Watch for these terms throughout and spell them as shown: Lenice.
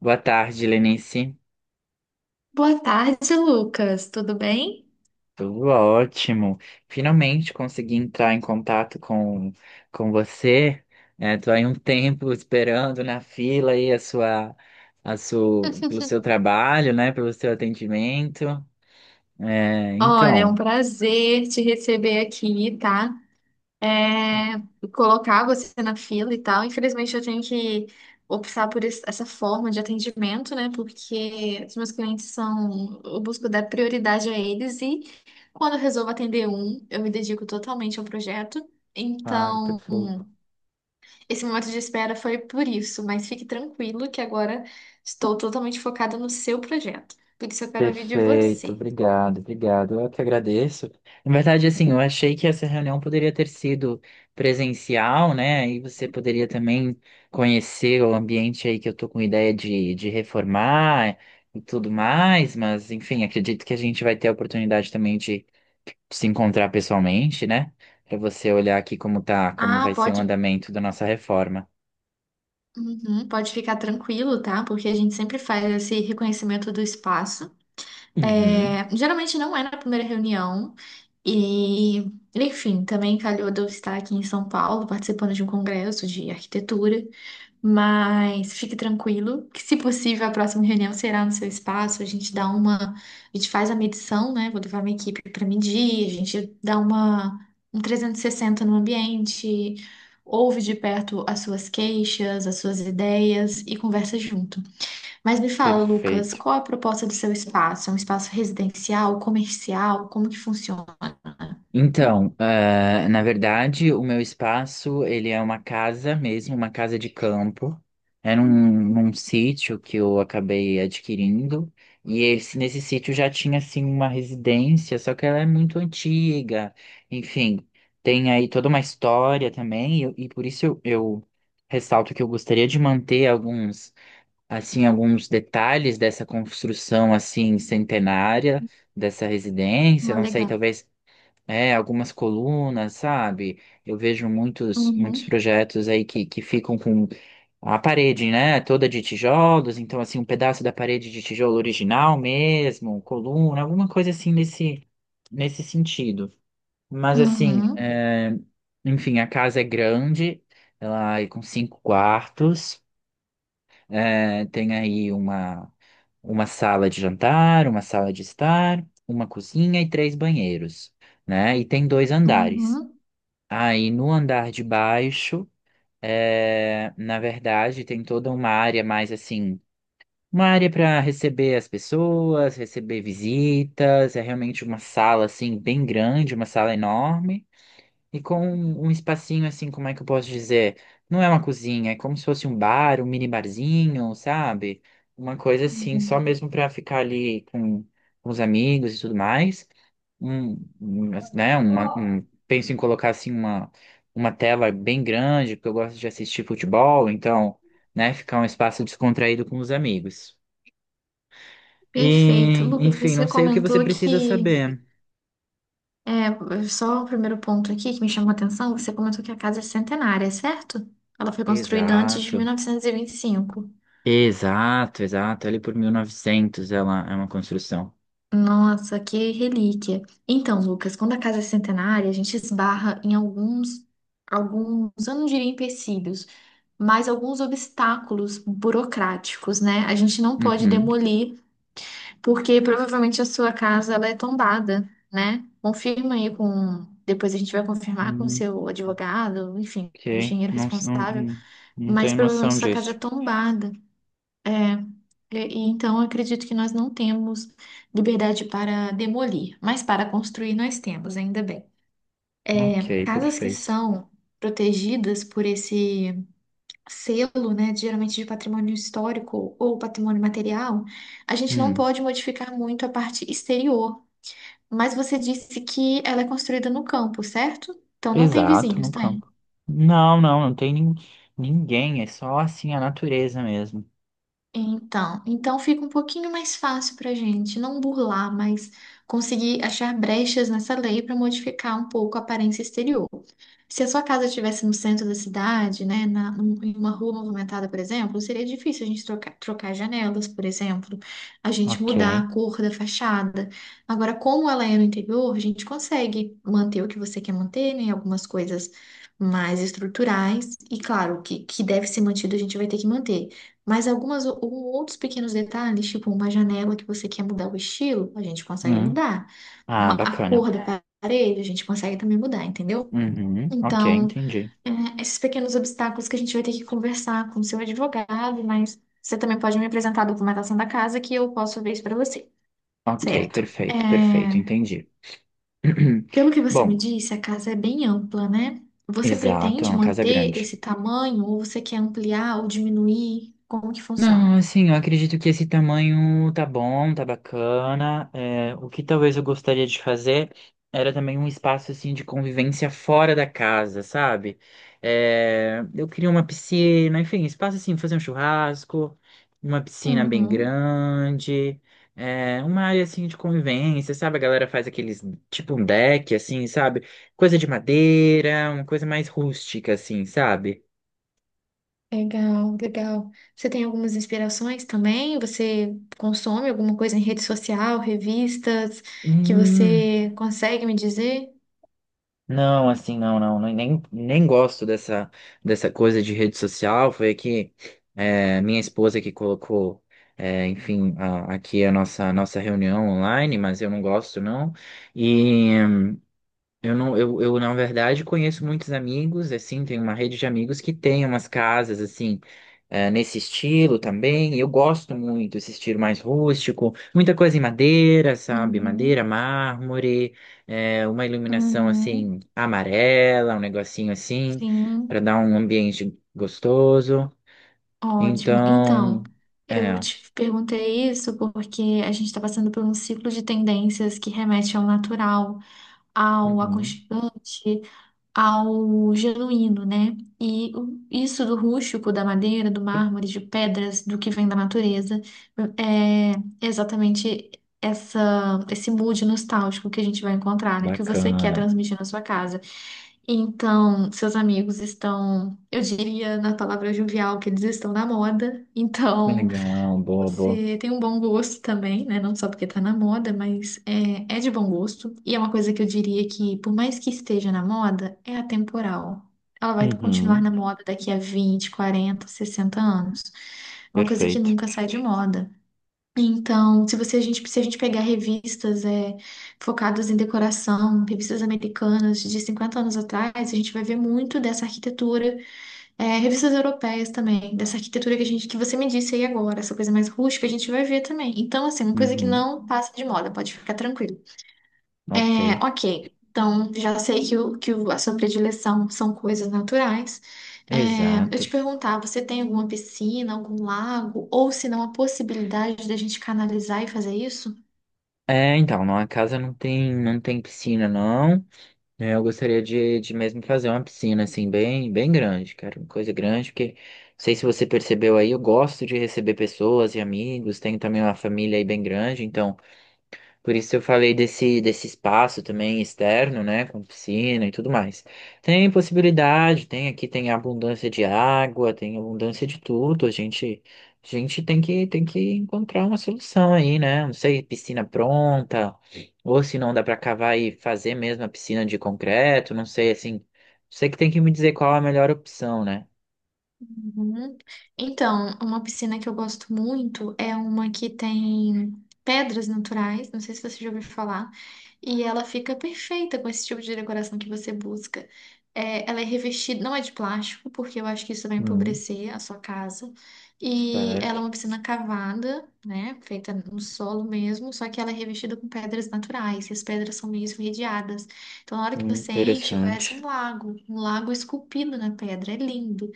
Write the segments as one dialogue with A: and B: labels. A: Boa tarde, Lenice.
B: Boa tarde, Lucas. Tudo bem?
A: Tudo ótimo. Finalmente consegui entrar em contato com você. Estou aí um tempo esperando na fila aí a sua, pelo seu trabalho, né? Pelo seu atendimento. É,
B: Olha, é um
A: então,
B: prazer te receber aqui, tá? É, colocar você na fila e tal. Infelizmente, eu tenho que optar por essa forma de atendimento, né? Porque os meus clientes são. Eu busco dar prioridade a eles e quando eu resolvo atender um, eu me dedico totalmente ao projeto.
A: claro,
B: Então.
A: perfeito.
B: Esse momento de espera foi por isso, mas fique tranquilo que agora estou totalmente focada no seu projeto. Por isso eu quero ouvir de
A: Perfeito,
B: você.
A: obrigado, obrigado. Eu que agradeço. Na verdade, assim, eu achei que essa reunião poderia ter sido presencial, né? E você poderia também conhecer o ambiente aí que eu tô com ideia de reformar e tudo mais, mas enfim, acredito que a gente vai ter a oportunidade também de se encontrar pessoalmente, né? Para você olhar aqui como tá, como
B: Ah,
A: vai ser o andamento da nossa reforma.
B: Uhum, pode ficar tranquilo, tá? Porque a gente sempre faz esse reconhecimento do espaço.
A: Uhum,
B: Geralmente não é na primeira reunião. E, enfim, também calhou de eu estar aqui em São Paulo participando de um congresso de arquitetura. Mas fique tranquilo, que se possível a próxima reunião será no seu espaço. A gente faz a medição, né? Vou levar minha equipe para medir, a gente dá uma um 360 no ambiente, ouve de perto as suas queixas, as suas ideias e conversa junto. Mas me fala, Lucas,
A: perfeito.
B: qual a proposta do seu espaço? É um espaço residencial, comercial? Como que funciona?
A: Então, na verdade, o meu espaço, ele é uma casa mesmo, uma casa de campo. É num sítio que eu acabei adquirindo. Nesse sítio já tinha, assim, uma residência, só que ela é muito antiga. Enfim, tem aí toda uma história também. E por isso eu ressalto que eu gostaria de manter alguns, assim, alguns detalhes dessa construção, assim, centenária, dessa residência.
B: Ah,
A: Não sei,
B: legal.
A: talvez é, algumas colunas, sabe? Eu vejo muitos
B: Uhum,
A: projetos aí que ficam com a parede, né? Toda de tijolos, então assim, um pedaço da parede de tijolo original mesmo, coluna, alguma coisa assim nesse sentido. Mas assim,
B: uhum,
A: é, enfim, a casa é grande, ela é com 5 quartos. É, tem aí uma sala de jantar, uma sala de estar, uma cozinha e 3 banheiros, né? E tem 2 andares.
B: uhum,
A: Aí no andar de baixo, é, na verdade, tem toda uma área mais assim, uma área para receber as pessoas, receber visitas. É realmente uma sala assim bem grande, uma sala enorme. E com um espacinho assim, como é que eu posso dizer? Não é uma cozinha, é como se fosse um bar, um mini barzinho, sabe? Uma coisa assim, só
B: uhum.
A: mesmo pra ficar ali com os amigos e tudo mais. Um, um, né, uma, um, Penso em colocar assim uma tela bem grande, porque eu gosto de assistir futebol, então, né, ficar um espaço descontraído com os amigos.
B: Perfeito.
A: E,
B: Lucas,
A: enfim,
B: você
A: não sei o que você
B: comentou
A: precisa saber.
B: só o primeiro ponto aqui que me chamou a atenção, você comentou que a casa é centenária, certo? Ela foi construída antes de mil
A: Exato.
B: novecentos e vinte e cinco.
A: Exato, exato. Ali por 1900. Ela é uma construção.
B: Nossa, que relíquia. Então, Lucas, quando a casa é centenária, a gente esbarra em alguns, eu não diria empecilhos, mas alguns obstáculos burocráticos, né? A gente não pode
A: Uhum.
B: demolir, porque provavelmente a sua casa ela é tombada, né? Confirma aí com. Depois a gente vai confirmar com o
A: Hum,
B: seu advogado, enfim, o
A: ok.
B: engenheiro
A: Não
B: responsável,
A: não
B: mas
A: tenho
B: provavelmente
A: noção
B: sua casa é
A: disso.
B: tombada. E então eu acredito que nós não temos liberdade para demolir, mas para construir nós temos, ainda bem.
A: Ok,
B: Casas que
A: perfeito.
B: são protegidas por esse selo, né, geralmente de patrimônio histórico ou patrimônio material, a gente não
A: Hum,
B: pode modificar muito a parte exterior. Mas você disse que ela é construída no campo, certo? Então não tem
A: exato,
B: vizinhos,
A: no
B: tá?
A: campo. Não, não, não tem nin- ninguém. É só assim a natureza mesmo.
B: Então, fica um pouquinho mais fácil para a gente não burlar, mas conseguir achar brechas nessa lei para modificar um pouco a aparência exterior. Se a sua casa estivesse no centro da cidade, né, em uma rua movimentada, por exemplo, seria difícil a gente trocar janelas, por exemplo, a gente
A: Ok.
B: mudar a cor da fachada. Agora, como ela é no interior, a gente consegue manter o que você quer manter, né, algumas coisas mais estruturais, e claro, que deve ser mantido a gente vai ter que manter. Mas algumas outros pequenos detalhes, tipo uma janela que você quer mudar o estilo, a gente consegue
A: Hum.
B: mudar. Uma,
A: Ah,
B: a
A: bacana.
B: cor da parede, a gente consegue também mudar, entendeu?
A: Uhum. Ok,
B: Então,
A: entendi.
B: esses pequenos obstáculos que a gente vai ter que conversar com o seu advogado, mas você também pode me apresentar a documentação da casa que eu posso ver isso para você.
A: Ok,
B: Certo.
A: perfeito, perfeito, entendi.
B: Pelo que você me
A: Bom,
B: disse, a casa é bem ampla, né? Você
A: exato, é
B: pretende
A: uma casa
B: manter
A: grande.
B: esse tamanho ou você quer ampliar ou diminuir? Como que
A: Não,
B: funciona?
A: assim, eu acredito que esse tamanho tá bom, tá bacana. É, o que talvez eu gostaria de fazer era também um espaço assim de convivência fora da casa, sabe? É, eu queria uma piscina, enfim, espaço assim, fazer um churrasco, uma piscina bem
B: Uhum.
A: grande, é, uma área assim de convivência, sabe? A galera faz aqueles tipo um deck, assim, sabe? Coisa de madeira, uma coisa mais rústica, assim, sabe?
B: Legal, legal. Você tem algumas inspirações também? Você consome alguma coisa em rede social, revistas, que
A: Hum.
B: você consegue me dizer?
A: Não, assim, nem gosto dessa coisa de rede social. Foi que é, minha esposa que colocou, é, enfim, a- aqui nossa reunião online, mas eu não gosto, não. E eu não, eu, na verdade, conheço muitos amigos, assim, tenho uma rede de amigos que tem umas casas, assim, nesse estilo também. Eu gosto muito desse estilo mais rústico, muita coisa em madeira, sabe? Madeira,
B: Uhum,
A: mármore, uma iluminação,
B: uhum,
A: assim, amarela, um negocinho assim, para
B: sim,
A: dar um ambiente gostoso.
B: ótimo. Então,
A: Então,
B: eu
A: é,
B: te perguntei isso porque a gente está passando por um ciclo de tendências que remete ao natural, ao
A: uhum,
B: aconchegante, ao genuíno, né? E isso do rústico, da madeira, do mármore, de pedras, do que vem da natureza, é exatamente esse mood nostálgico que a gente vai encontrar, né? Que você quer
A: bacana,
B: transmitir na sua casa. Então, seus amigos estão, eu diria na palavra jovial, que eles estão na moda. Então,
A: legal, boa, boa.
B: você tem um bom gosto também, né? Não só porque tá na moda, mas é de bom gosto. E é uma coisa que eu diria que, por mais que esteja na moda, é atemporal. Ela vai continuar
A: Uhum,
B: na moda daqui a 20, 40, 60 anos. É uma coisa que
A: perfeito.
B: nunca sai de moda. Então, se se a gente pegar revistas focadas em decoração, revistas americanas de 50 anos atrás, a gente vai ver muito dessa arquitetura, revistas europeias também, dessa arquitetura que que você me disse aí agora, essa coisa mais rústica, a gente vai ver também. Então, assim, uma coisa que
A: Uhum,
B: não passa de moda, pode ficar tranquilo.
A: ok.
B: Ok. Então, já sei que a sua predileção são coisas naturais. Eu te
A: Exato.
B: perguntar, você tem alguma piscina, algum lago, ou se não, a possibilidade da gente canalizar e fazer isso?
A: É, então, na casa não tem, não tem piscina, não. É, eu gostaria de mesmo fazer uma piscina, assim, bem grande, cara. Uma coisa grande, porque, não sei se você percebeu aí, eu gosto de receber pessoas e amigos, tenho também uma família aí bem grande, então. Por isso eu falei desse espaço também externo, né, com piscina e tudo mais. Tem possibilidade, tem aqui tem abundância de água, tem abundância de tudo. A gente tem que encontrar uma solução aí, né? Não sei, piscina pronta, ou se não dá para cavar e fazer mesmo a piscina de concreto, não sei assim. Você que tem que me dizer qual a melhor opção, né?
B: Uhum. Então, uma piscina que eu gosto muito é uma que tem pedras naturais, não sei se você já ouviu falar, e ela fica perfeita com esse tipo de decoração que você busca. Ela é revestida, não é de plástico, porque eu acho que isso vai
A: Hum,
B: empobrecer a sua casa. E ela é
A: certo.
B: uma piscina cavada, né, feita no solo mesmo, só que ela é revestida com pedras naturais, e as pedras são meio esverdeadas. Então, na hora que você enche, parece
A: Interessante.
B: um lago esculpido na pedra, é lindo.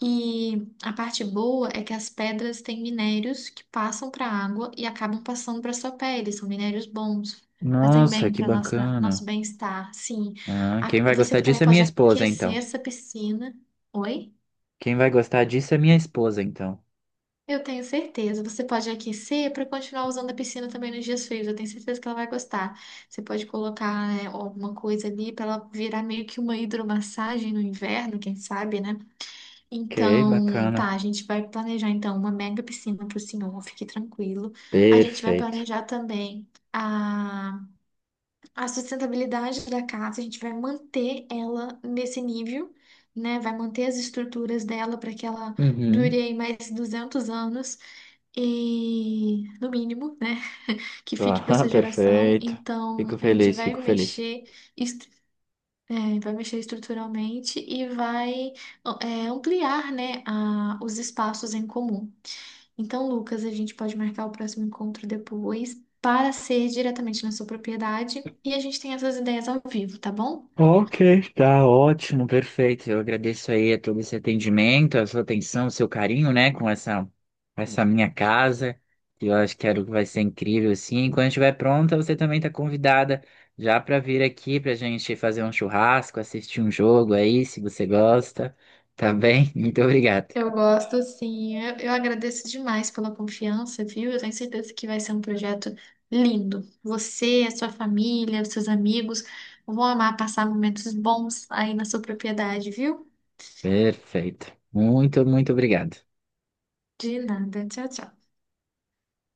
B: E a parte boa é que as pedras têm minérios que passam para a água e acabam passando para sua pele. São minérios bons, fazem
A: Nossa,
B: bem
A: que
B: para nossa nosso
A: bacana.
B: bem-estar. Sim,
A: Ah, quem vai
B: Você
A: gostar disso
B: também
A: é minha
B: pode
A: esposa,
B: aquecer
A: então.
B: essa piscina. Oi?
A: Quem vai gostar disso é minha esposa, então.
B: Eu tenho certeza. Você pode aquecer para continuar usando a piscina também nos dias frios. Eu tenho certeza que ela vai gostar. Você pode colocar, né, alguma coisa ali para ela virar meio que uma hidromassagem no inverno, quem sabe, né?
A: Ok,
B: Então, tá,
A: bacana.
B: a gente vai planejar então uma mega piscina para o senhor, fique tranquilo. A gente vai
A: Perfeito.
B: planejar também a sustentabilidade da casa, a gente vai manter ela nesse nível, né? Vai manter as estruturas dela para que ela
A: Uhum.
B: dure aí mais 200 anos e, no mínimo, né? Que fique para
A: Ah,
B: essa geração.
A: perfeito. Fico
B: Então, a gente
A: feliz, fico
B: vai
A: feliz.
B: mexer. Vai mexer estruturalmente e vai ampliar, né, os espaços em comum. Então, Lucas, a gente pode marcar o próximo encontro depois para ser diretamente na sua propriedade e a gente tem essas ideias ao vivo, tá bom?
A: Ok, tá ótimo, perfeito. Eu agradeço aí a todo esse atendimento, a sua atenção, o seu carinho, né, com essa, essa minha casa, que eu acho que era o que vai ser incrível, assim. Quando estiver pronta, você também tá convidada já para vir aqui pra gente fazer um churrasco, assistir um jogo aí, se você gosta, tá bem? Muito obrigado.
B: Eu gosto, sim. Eu agradeço demais pela confiança, viu? Eu tenho certeza que vai ser um projeto lindo. Você, a sua família, os seus amigos vão amar passar momentos bons aí na sua propriedade, viu?
A: Perfeito. Muito, muito obrigado.
B: De nada. Tchau, tchau.